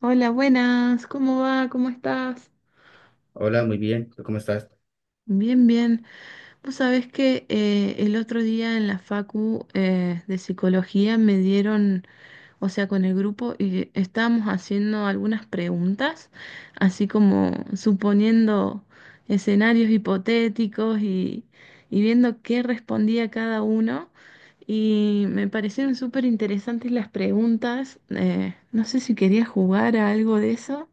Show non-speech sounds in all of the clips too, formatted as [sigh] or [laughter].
Hola, buenas, ¿cómo va? ¿Cómo estás? Hola, muy bien. ¿Tú cómo estás? Bien, bien. Vos sabés que el otro día en la facu de psicología me dieron, o sea, con el grupo y estábamos haciendo algunas preguntas, así como suponiendo escenarios hipotéticos y viendo qué respondía cada uno. Y me parecieron súper interesantes las preguntas. No sé si querías jugar a algo de eso.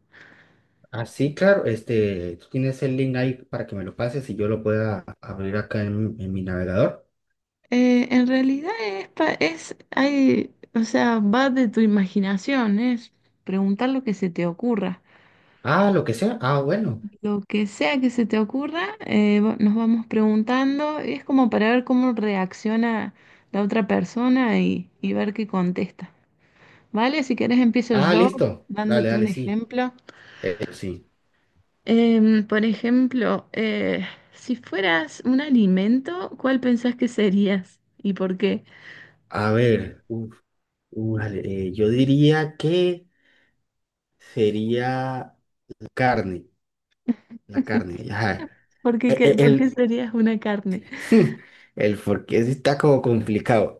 Ah, sí, claro. Este, tú tienes el link ahí para que me lo pases y yo lo pueda abrir acá en mi navegador. En realidad es, hay, o sea, va de tu imaginación, es preguntar lo que se te ocurra. Ah, lo que sea. Ah, bueno. Lo que sea que se te ocurra, nos vamos preguntando, es como para ver cómo reacciona la otra persona y ver qué contesta. ¿Vale? Si querés empiezo Ah, yo listo. Dale, dándote dale, un sí. ejemplo. Sí. Por ejemplo, si fueras un alimento, ¿cuál pensás que serías y por qué? A ver, uf, uf, dale, yo diría que sería la carne. La carne. Ajá. ¿Por qué, E- e- por qué El, serías una carne? [laughs] Porque sí está como complicado.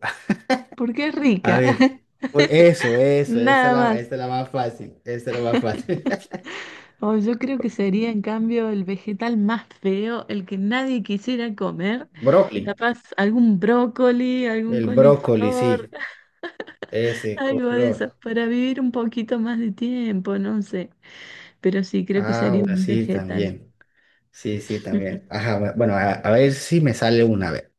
Porque es [laughs] A rica, ver, [laughs] por eso, eso, nada más. esa es la más fácil. Esa es la más fácil. O yo creo que sería [laughs] en cambio el vegetal más feo, el que nadie quisiera comer. Brócoli. Capaz algún brócoli, algún El brócoli, coliflor, sí. [laughs] Ese, con algo de eso, flor. para vivir un poquito más de tiempo, no sé. Pero sí, creo que Ah, sería bueno, un sí, vegetal. también. Sí, sí, también. [laughs] Ajá, bueno, a ver si me sale una vez.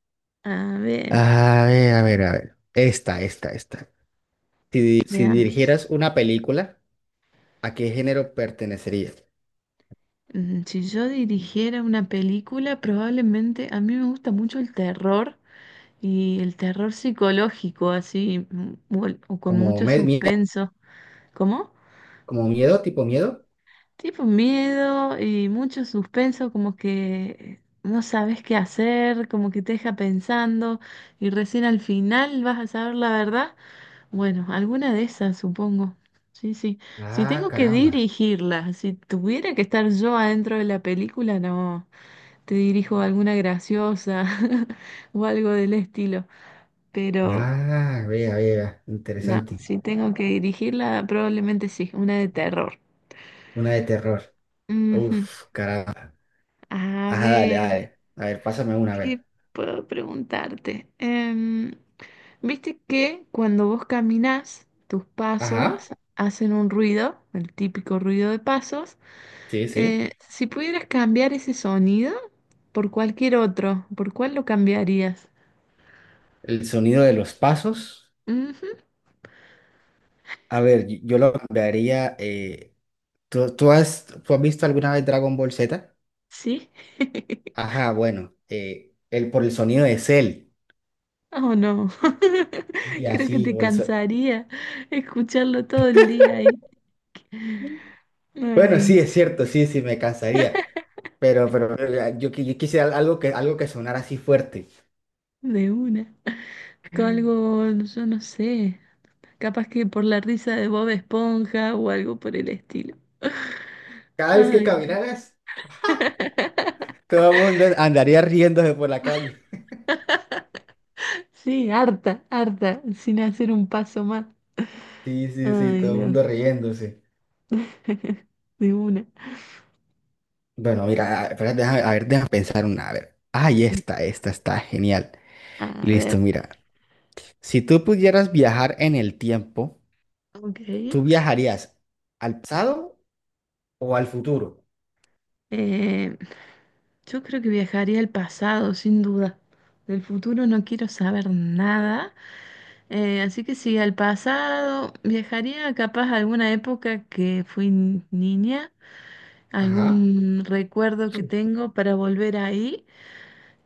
A ver, A ver, a ver, a ver. Esta, esta, esta. Si veamos. dirigieras una película, ¿a qué género pertenecerías? Si yo dirigiera una película, probablemente a mí me gusta mucho el terror. Y el terror psicológico, así, o con ¿Como mucho miedo? suspenso. ¿Cómo? ¿Como miedo, tipo miedo? Tipo miedo y mucho suspenso, como que no sabes qué hacer, como que te deja pensando y recién al final vas a saber la verdad. Bueno, alguna de esas, supongo. Sí, sí. Si Ah, tengo que caramba. dirigirla, si tuviera que estar yo adentro de la película, no, te dirijo alguna graciosa [laughs] o algo del estilo. Pero Ah, vea, vea. no, Interesante. si tengo que dirigirla, probablemente sí, una de terror. Una de terror. Ujú. Uf, caramba. A Ajá, dale, ver, dale. A ver, pásame una, a ¿qué ver. puedo preguntarte? ¿Viste que cuando vos caminás, tus Ajá. pasos hacen un ruido, el típico ruido de pasos? Sí, sí. Si pudieras cambiar ese sonido por cualquier otro, ¿por cuál lo cambiarías? El sonido de los pasos. Ujú, A ver, yo lo cambiaría, ¿tú has visto alguna vez Dragon Ball Z? ¿sí? [laughs] Ajá, bueno, por el sonido de Cell. Oh, no. Y [laughs] Creo que así, te cansaría escucharlo todo el día ahí. bueno, Ay, sí, no, es cierto, sí, sí, me cansaría. Pero yo quisiera algo que sonara así fuerte. de una. Con algo, yo no sé, capaz que por la risa de Bob Esponja o algo por el estilo. [laughs] Cada vez que Ay, no. caminaras, todo el mundo andaría riéndose por la calle. [laughs] Sí, harta, harta, sin hacer un paso más. Sí, sí, sí, Ay, todo el Dios. mundo riéndose. [laughs] De una. Bueno, mira, espera, a ver, déjame pensar una. A ver. Ay, esta está genial. A Listo, ver, mira. Si tú pudieras viajar en el tiempo, ok. ¿tú viajarías al pasado o al futuro? Eh, yo creo que viajaría al pasado, sin duda. Del futuro no quiero saber nada. Así que sí, al pasado viajaría capaz a alguna época que fui niña, Ajá. algún recuerdo que tengo para volver ahí.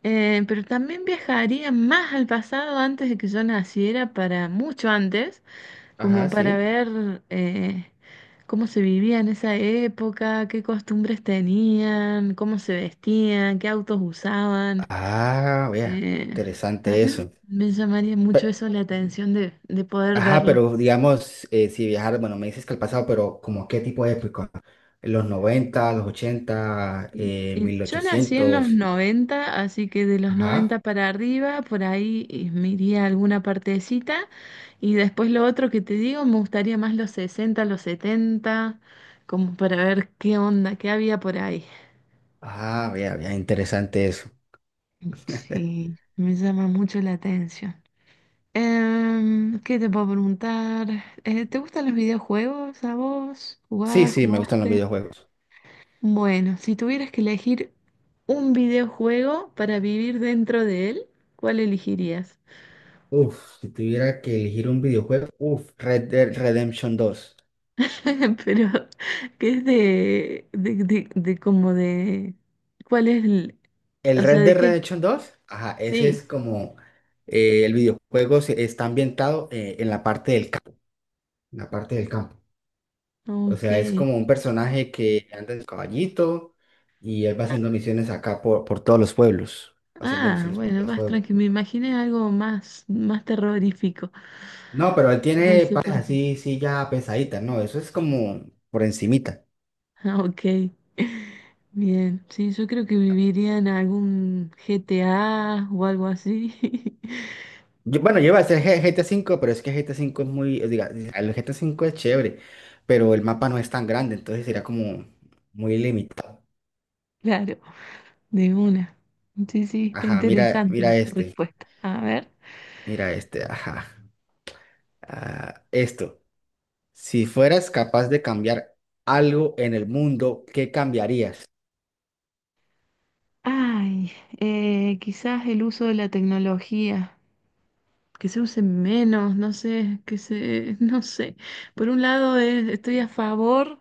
Pero también viajaría más al pasado antes de que yo naciera, para mucho antes Ajá, como para sí. ver cómo se vivía en esa época, qué costumbres tenían, cómo se vestían, qué autos usaban. Ah, vea, Eh, interesante También eso. me llamaría mucho Pe- eso la atención de poder ajá, verlo. pero digamos, si viajar, bueno, me dices que al pasado, pero ¿como qué tipo de época? ¿los 90, los 80, Y- y mil yo nací en los ochocientos. 90 así que de los Ajá. noventa para arriba, por ahí me iría a alguna partecita. Y después lo otro que te digo, me gustaría más los 60 los 70 como para ver qué onda, qué había por ahí. Ah, vea, vea, interesante eso. [laughs] Sí, me llama mucho la atención. ¿Qué te puedo preguntar? ¿Te gustan los videojuegos a vos? Sí, ¿Jugás, sí, me gustan los jugaste? videojuegos. Bueno, si tuvieras que elegir un videojuego para vivir dentro de él, ¿cuál elegirías? Uf, si tuviera que elegir un videojuego, uf, Red Dead Redemption 2. [laughs] Pero, ¿qué es de como de, cuál es el, El o sea, Red de Dead qué? Redemption dos, ajá, ese Sí, es como el videojuego está ambientado, en la parte del campo, en la parte del campo. O ok. sea, es como un personaje que anda en su caballito y él va Ah, haciendo misiones acá por todos los pueblos, va haciendo ah, misiones por todos bueno, los más pueblos. tranquilo. Me imaginé algo más, más terrorífico. No, pero él No tiene sé partes por qué. [laughs] así, sí, ya pesaditas, no, eso es como por encimita. Ah, ok. Bien. Sí, yo creo que viviría en algún GTA o algo así. [laughs] Bueno, yo iba a hacer GTA 5, pero es que GTA 5 es muy, diga, el GTA 5 es chévere, pero el mapa no es tan grande, entonces sería como muy limitado. Claro, de una. Sí, sí, está Ajá, mira, interesante la respuesta. A ver. mira este, ajá. Ah, esto, si fueras capaz de cambiar algo en el mundo, ¿qué cambiarías? Ay, quizás el uso de la tecnología. Que se use menos, no sé, que se, [laughs] no sé. Por un lado, estoy a favor,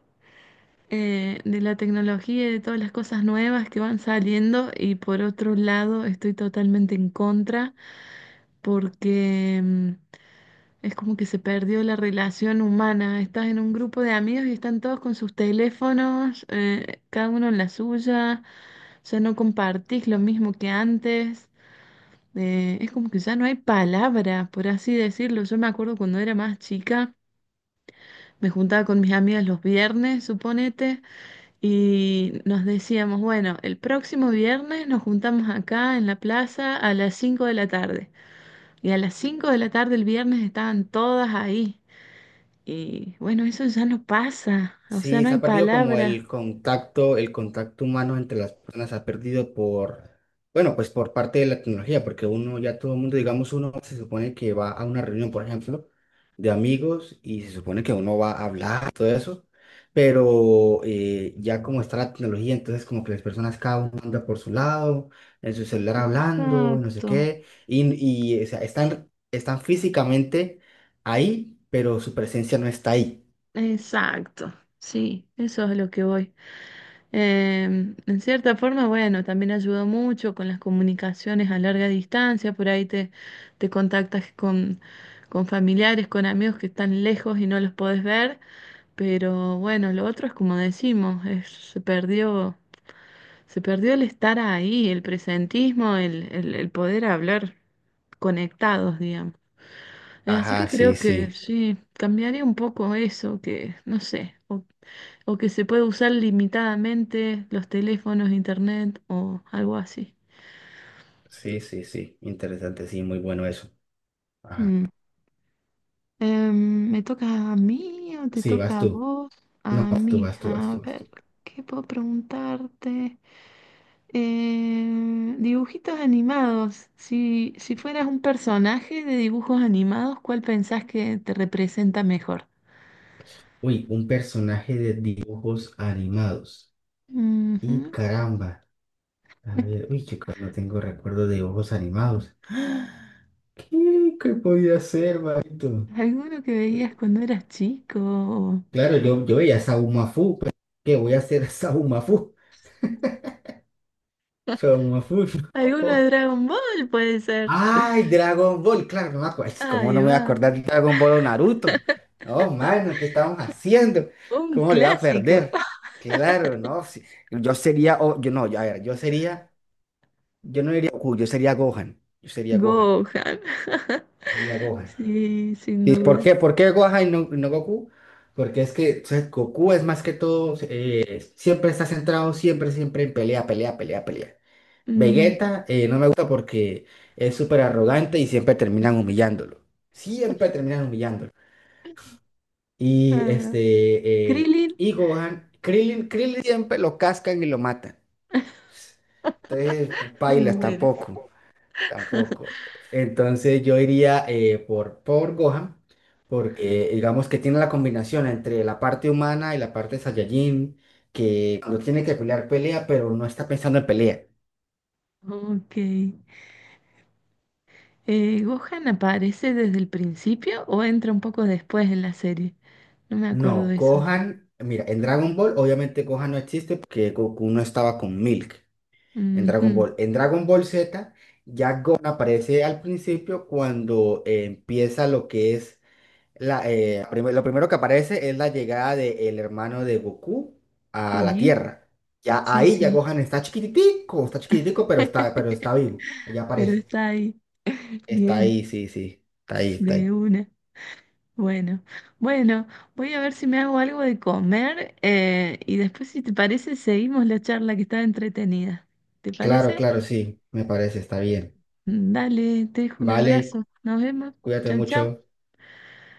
de la tecnología y de todas las cosas nuevas que van saliendo y por otro lado estoy totalmente en contra porque es como que se perdió la relación humana. Estás en un grupo de amigos y están todos con sus teléfonos, cada uno en la suya, ya no compartís lo mismo que antes. Es como que ya no hay palabra, por así decirlo. Yo me acuerdo cuando era más chica, me juntaba con mis amigas los viernes, suponete. Y nos decíamos, bueno, el próximo viernes nos juntamos acá en la plaza a las 5 de la tarde. Y a las 5 de la tarde el viernes estaban todas ahí. Y bueno, eso ya no pasa, o sea, Sí, no se hay ha perdido como palabra. El contacto humano entre las personas, se ha perdido bueno, pues por parte de la tecnología, porque uno, ya todo el mundo, digamos, uno se supone que va a una reunión, por ejemplo, de amigos y se supone que uno va a hablar, todo eso, pero ya como está la tecnología, entonces como que las personas cada uno anda por su lado, en su celular hablando, no sé Exacto. qué, y o sea, están físicamente ahí, pero su presencia no está ahí. Exacto, sí, eso es lo que voy. En cierta forma, bueno, también ayudó mucho con las comunicaciones a larga distancia, por ahí te contactas con familiares, con amigos que están lejos y no los podés ver, pero bueno, lo otro es como decimos, se perdió el estar ahí, el presentismo, el poder hablar conectados, digamos. Así Ajá, que sí, creo que sí. sí, cambiaría un poco eso, que no sé, o que se puede usar limitadamente los teléfonos, internet o algo así. Sí, sí, sí. Interesante, sí, muy bueno eso. Ajá. Mm. ¿Me toca a mí o te Sí, vas toca a tú. vos? No, A vas tú, mí, vas tú, vas a tú, vas ver, tú. ¿qué puedo preguntarte? Dibujitos animados. Si fueras un personaje de dibujos animados, ¿cuál pensás que te representa mejor? Uy, un personaje de dibujos animados. Y Ujú. caramba. A [laughs] ver, uy, chico, no tengo recuerdo de dibujos animados. [gasps] ¿Qué podía ser, manito? ¿Alguno que veías cuando eras chico? Claro, yo veía Saumafu, pero ¿qué voy a hacer Saumafu? Saumafu, [laughs] ¿Alguno de no. Dragon Ball puede ser? Ay, Dragon Ball, claro, no me acuerdo. ¿Cómo no Ahí me voy a va, acordar de Dragon Ball o Naruto? No, mano, ¿qué estamos haciendo? un ¿Cómo le iba a clásico. perder? Claro, no. Sí. Yo sería, yo no, yo, a ver, yo sería, yo no diría Goku, yo sería Gohan. Yo sería Gohan. Gohan. [laughs] Sería Gohan. Sí, sin ¿Y por duda. qué? ¿Por qué Gohan y no, Goku? Porque es que o sea, Goku es más que todo, siempre está centrado, siempre, siempre en pelea, pelea, pelea, pelea. Mm, Vegeta, no me gusta porque es súper arrogante y siempre terminan humillándolo. Siempre terminan humillándolo. Y ah, este, Krillin. y Gohan, Krillin siempre lo cascan y lo matan. Entonces, pailas Bueno, tampoco, tampoco. Entonces yo iría, por Gohan, porque digamos que tiene la combinación entre la parte humana y la parte Saiyajin, que cuando tiene que pelear pelea, pero no está pensando en pelea. ok. ¿Gohan aparece desde el principio o entra un poco después en la serie? No me acuerdo No, de eso. Gohan, mira, en Dragon Ball obviamente Gohan no existe porque Goku no estaba con Milk en Dragon Ujú, Ball. En Dragon Ball Z ya Gohan aparece al principio cuando empieza lo que es lo primero que aparece es la llegada del hermano de Goku a la Sí, Tierra. Ya sí, ahí ya sí. Gohan está chiquitico, pero está, pero [laughs] está vivo. Ya Pero aparece. está ahí. Está Bien, ahí, sí, sí. Está ahí, está de ahí. una. Bueno, bueno, voy a ver si me hago algo de comer y después, si te parece, seguimos la charla que está entretenida. ¿Te Claro, parece? claro, sí. Me parece, está bien. Dale, te dejo un Vale, abrazo. Nos vemos. cuídate Chau, chau. mucho.